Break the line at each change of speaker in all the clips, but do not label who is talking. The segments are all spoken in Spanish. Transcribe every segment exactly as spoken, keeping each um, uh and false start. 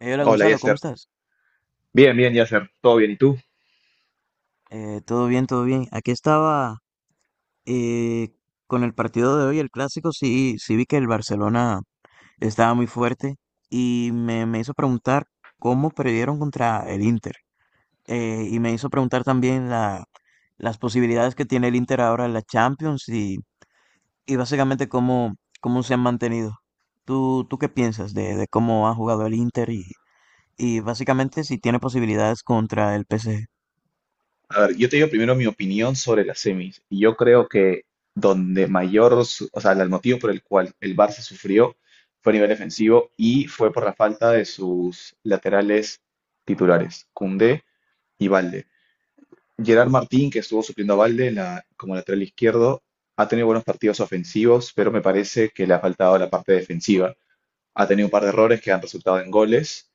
Eh, hola,
Hola,
Gonzalo, ¿cómo
Yasser.
estás?
Bien, bien, Yasser. Todo bien. ¿Y tú?
Eh, todo bien, todo bien. Aquí estaba eh, con el partido de hoy, el clásico. Sí, sí vi que el Barcelona estaba muy fuerte y me, me hizo preguntar cómo perdieron contra el Inter. Eh, y me hizo preguntar también la, las posibilidades que tiene el Inter ahora en la Champions, y, y básicamente cómo, cómo se han mantenido. ¿Tú, tú qué piensas de, de cómo ha jugado el Inter y, y básicamente si tiene posibilidades contra el P S G?
A ver, yo te digo primero mi opinión sobre las semis. Y yo creo que donde mayor, su- o sea, el motivo por el cual el Barça sufrió fue a nivel defensivo y fue por la falta de sus laterales titulares, Koundé y Valde. Gerard Martín, que estuvo supliendo a Valde en la- como lateral izquierdo, ha tenido buenos partidos ofensivos, pero me parece que le ha faltado la parte defensiva. Ha tenido un par de errores que han resultado en goles.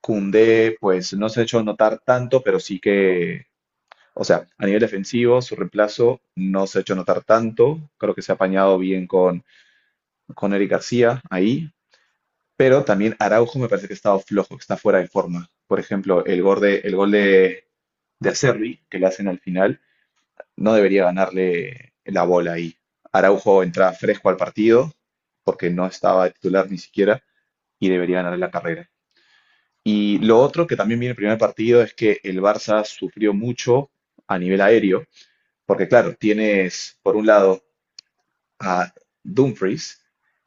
Koundé, pues no se ha hecho notar tanto, pero sí que, o sea, a nivel defensivo, su reemplazo no se ha hecho notar tanto. Creo que se ha apañado bien con, con Eric García ahí, pero también Araujo me parece que ha estado flojo, que está fuera de forma. Por ejemplo, el gol de, el gol de, de Acerbi, que le hacen al final, no debería ganarle la bola ahí. Araujo entra fresco al partido, porque no estaba de titular ni siquiera, y debería ganarle la carrera. Y lo otro que también viene el primer partido es que el Barça sufrió mucho a nivel aéreo, porque claro, tienes por un lado a Dumfries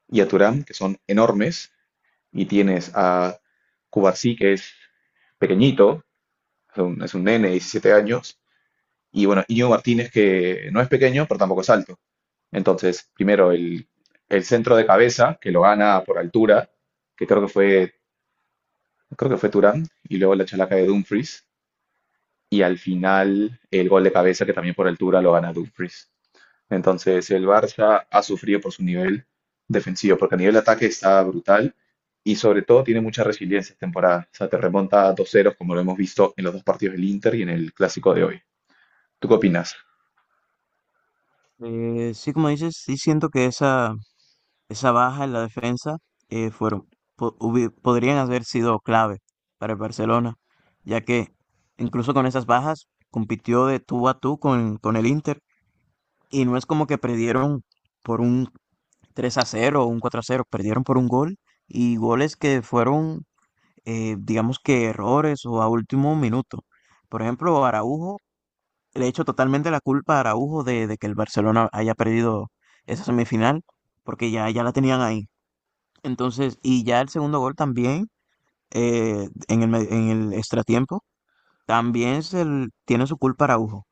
y a Thuram, que son enormes, y tienes a Cubarsí, que es pequeñito, es un, es un nene de diecisiete años, y bueno, Íñigo Martínez, que no es pequeño, pero tampoco es alto. Entonces, primero el, el centro de cabeza, que lo gana por altura, que creo que fue, creo que fue Thuram, y luego la chalaca de Dumfries, y al final el gol de cabeza que también por altura lo gana Dumfries. Entonces el Barça ha sufrido por su nivel defensivo, porque a nivel de ataque está brutal y sobre todo tiene mucha resiliencia esta temporada. O sea, te remonta a dos ceros como lo hemos visto en los dos partidos del Inter y en el clásico de hoy. ¿Tú qué opinas?
Eh, sí, como dices, sí siento que esa, esa baja en la defensa eh, fueron, po- hubi- podrían haber sido clave para el Barcelona, ya que incluso con esas bajas compitió de tú a tú con, con el Inter, y no es como que perdieron por un tres a cero o un cuatro a cero; perdieron por un gol, y goles que fueron, eh, digamos que errores o a último minuto. Por ejemplo, Araujo, le echo totalmente la culpa a Araujo de, de que el Barcelona haya perdido esa semifinal, porque ya, ya la tenían ahí. Entonces, y ya el segundo gol también, eh, en el, me- en el extratiempo, también se l- tiene su culpa Araujo.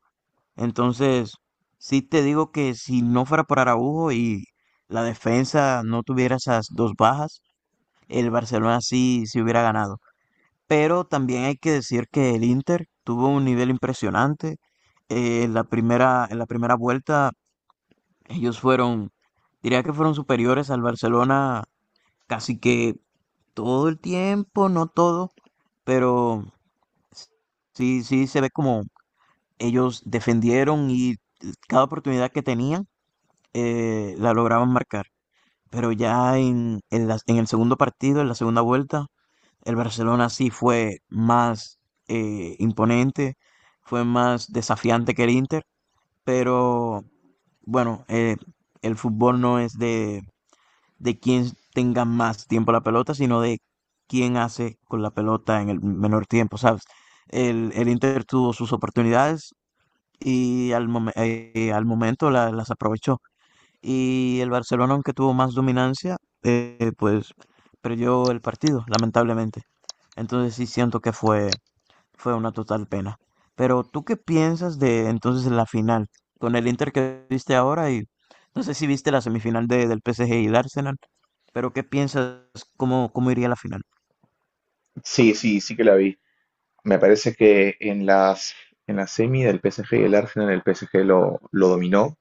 Entonces, sí te digo que si no fuera por Araujo y la defensa no tuviera esas dos bajas, el Barcelona sí, sí hubiera ganado. Pero también hay que decir que el Inter tuvo un nivel impresionante. Eh, en la primera, en la primera vuelta, ellos fueron, diría que fueron superiores al Barcelona casi que todo el tiempo, no todo, pero sí, sí se ve como ellos defendieron, y cada oportunidad que tenían eh, la lograban marcar. Pero ya en, en, las- en el segundo partido, en la segunda vuelta, el Barcelona sí fue más eh, imponente, fue más desafiante que el Inter, pero bueno, eh, el fútbol no es de, de quien tenga más tiempo la pelota, sino de quién hace con la pelota en el menor tiempo, ¿sabes? El, el Inter tuvo sus oportunidades y al, momen- eh, al momento la- las aprovechó. Y el Barcelona, aunque tuvo más dominancia, eh, pues perdió el partido, lamentablemente. Entonces sí siento que fue, fue una total pena. Pero ¿tú qué piensas de entonces la final? Con el Inter que viste ahora, y no sé si viste la semifinal de, del P S G y el Arsenal, pero ¿qué piensas cómo, cómo iría la final?
Sí, sí, sí que la vi. Me parece que en las en la semi del P S G y el Arsenal el P S G lo, lo dominó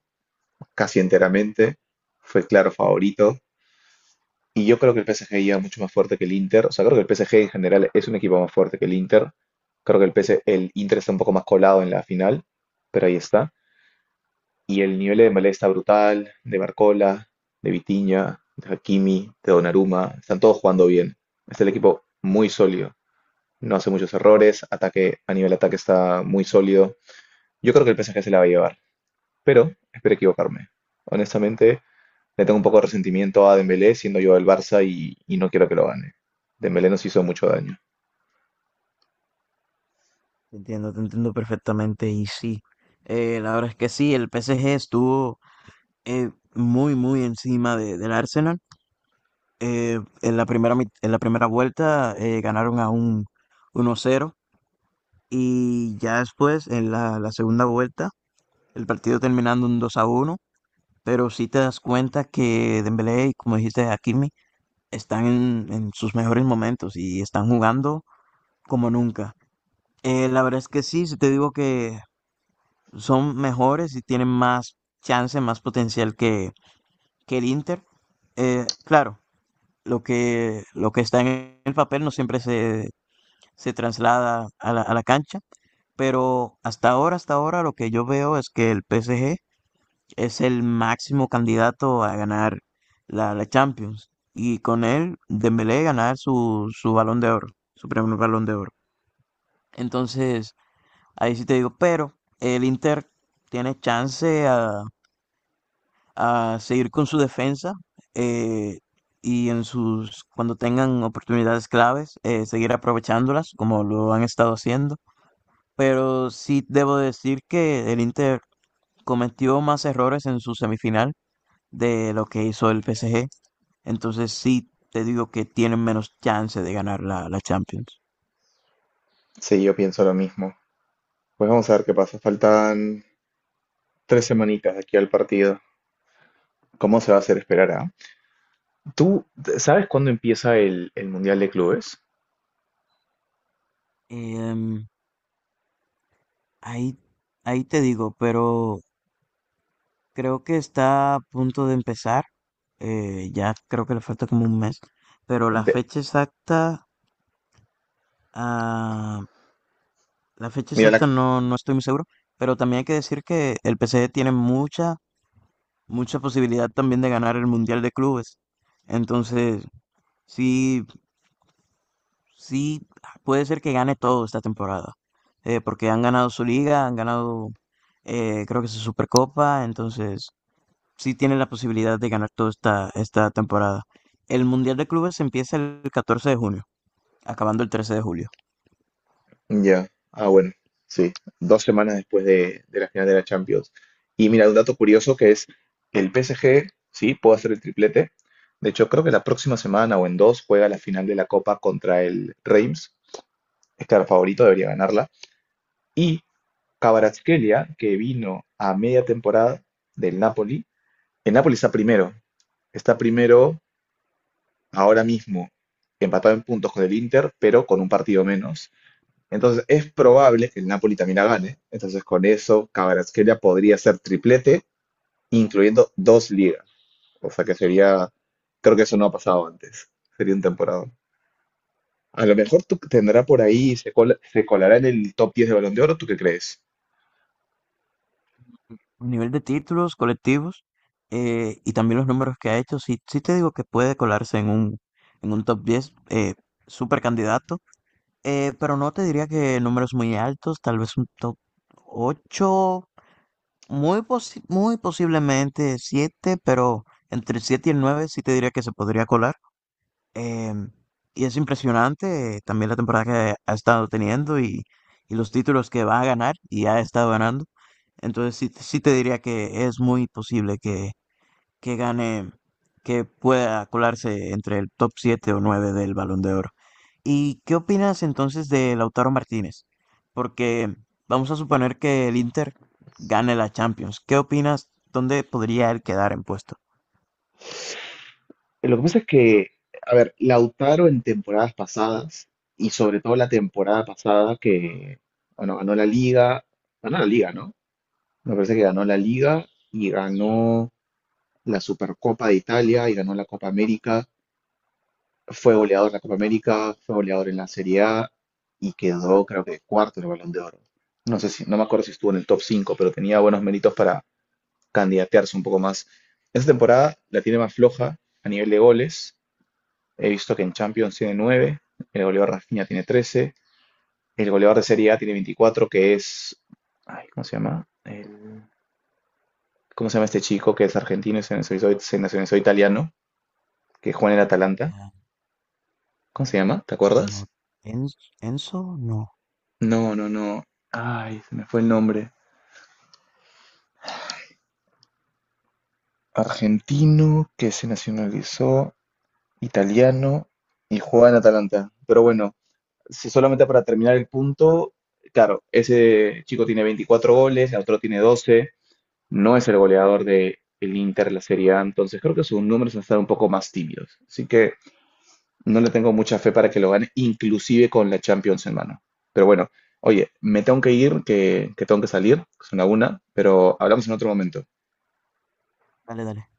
casi enteramente, fue claro favorito. Y yo creo que el P S G llega mucho más fuerte que el Inter. O sea, creo que el P S G en general es un equipo más fuerte que el Inter. Creo que el P S El Inter está un poco más colado en la final, pero ahí está. Y el nivel de Dembélé está brutal, de Barcola, de Vitinha, de Hakimi, de Donnarumma. Están todos jugando bien. Es el equipo muy sólido. No hace muchos errores. Ataque, a nivel ataque está muy sólido. Yo creo que el P S G se la va a llevar, pero espero equivocarme. Honestamente, le tengo un poco de resentimiento a Dembélé, siendo yo del Barça y, y no quiero que lo gane. Dembélé nos hizo mucho daño.
Te entiendo, te entiendo perfectamente. Y sí, eh, la verdad es que sí, el P S G estuvo eh, muy, muy encima de- del Arsenal. Eh, en la primera, mit- en la primera vuelta eh, ganaron a un uno cero, y ya después, en la, la segunda vuelta, el partido terminando un dos a uno. Pero sí te das cuenta que Dembélé y, como dijiste, Hakimi están en, en sus mejores momentos y están jugando como nunca. Eh, la verdad es que sí, si te digo que son mejores y tienen más chance, más potencial que, que el Inter. Eh, claro, lo que, lo que está en el papel no siempre se, se traslada a la, a la cancha, pero hasta ahora, hasta ahora lo que yo veo es que el P S G es el máximo candidato a ganar la, la Champions, y con él Dembélé ganar su, su balón de oro, su primer balón de oro. Entonces, ahí sí te digo, pero el Inter tiene chance a, a seguir con su defensa, eh, y en sus, cuando tengan oportunidades claves, eh, seguir aprovechándolas como lo han estado haciendo. Pero sí debo decir que el Inter cometió más errores en su semifinal de lo que hizo el P S G. Entonces sí te digo que tienen menos chance de ganar la, la Champions.
Sí, yo pienso lo mismo. Pues vamos a ver qué pasa. Faltan tres semanitas de aquí al partido. ¿Cómo se va a hacer esperar a? ¿Tú sabes cuándo empieza el, el Mundial de Clubes?
Em, ahí, Ahí te digo, pero creo que está a punto de empezar. Eh, ya creo que le falta como un mes. Pero la
De-
fecha exacta, ah, la fecha
mira, la,
exacta no, no estoy muy seguro. Pero también hay que decir que el P S G tiene mucha, mucha posibilidad también de ganar el Mundial de Clubes. Entonces, sí, sí, puede ser que gane todo esta temporada. Eh, porque han ganado su liga, han ganado, eh, creo que su Supercopa. Entonces, sí tiene la posibilidad de ganar toda esta, esta temporada. El Mundial de Clubes empieza el catorce de junio, acabando el trece de julio.
ya, ah, bueno, sí, dos semanas después de, de la final de la Champions. Y mira, un dato curioso que es el P S G, sí, puede hacer el triplete. De hecho, creo que la próxima semana o en dos juega la final de la Copa contra el Reims. Es claro, favorito, debería ganarla. Y Kvaratskhelia, que vino a media temporada del Napoli. El Napoli está primero, está primero ahora mismo, empatado en puntos con el Inter, pero con un partido menos. Entonces es probable que el Napoli también la gane. Entonces con eso Kvaratskhelia podría ser triplete, incluyendo dos ligas. O sea que sería, creo que eso no ha pasado antes. Sería un temporada. A lo mejor tú tendrá por ahí, se, col- se colará en el top diez de Balón de Oro, ¿tú qué crees?
A nivel de títulos colectivos eh, y también los números que ha hecho, sí, sí te digo que puede colarse en un, en un top diez, eh, súper candidato. Eh, pero no te diría que números muy altos, tal vez un top ocho, muy, posi- muy posiblemente siete, pero entre el siete y el nueve sí te diría que se podría colar. Em, y es impresionante, eh, también la temporada que ha estado teniendo y, y los títulos que va a ganar y ha estado ganando. Entonces sí, sí te diría que es muy posible que, que gane, que pueda colarse entre el top siete o nueve del Balón de Oro. ¿Y qué opinas entonces de Lautaro Martínez? Porque vamos a suponer que el Inter gane la Champions. ¿Qué opinas? ¿Dónde podría él quedar en puesto?
Lo que pasa es que, a ver, Lautaro en temporadas pasadas, y sobre todo la temporada pasada que, bueno, ganó la liga, ganó la liga, ¿no? Me parece que ganó la liga y ganó la Supercopa de Italia y ganó la Copa América. Fue goleador en la Copa América, fue goleador en la Serie A y quedó, creo que, cuarto en el Balón de Oro. No sé si, no me acuerdo si estuvo en el top cinco pero tenía buenos méritos para candidatearse un poco más. Esta temporada la tiene más floja a nivel de goles. He visto que en Champions tiene nueve, el goleador Rafinha tiene trece, el goleador de Serie A tiene veinticuatro, que es. Ay, ¿cómo se llama? El- ¿Cómo se llama este chico que es argentino y se nacionalizó, se nacionalizó italiano, que juega en el Atalanta?
Eh,
¿Cómo se llama? ¿Te acuerdas?
No, en- Enzo, no.
No, no, no. Ay, se me fue el nombre. Argentino que se nacionalizó, italiano y juega en Atalanta. Pero bueno, si solamente para terminar el punto, claro, ese chico tiene veinticuatro goles, el otro tiene doce. No es el goleador de el Inter, la Serie A, entonces creo que sus números van a estar un poco más tímidos. Así que no le tengo mucha fe para que lo gane, inclusive con la Champions en mano. Pero bueno, oye, me tengo que ir, que, que tengo que salir, son la una, pero hablamos en otro momento.
Dale, dale.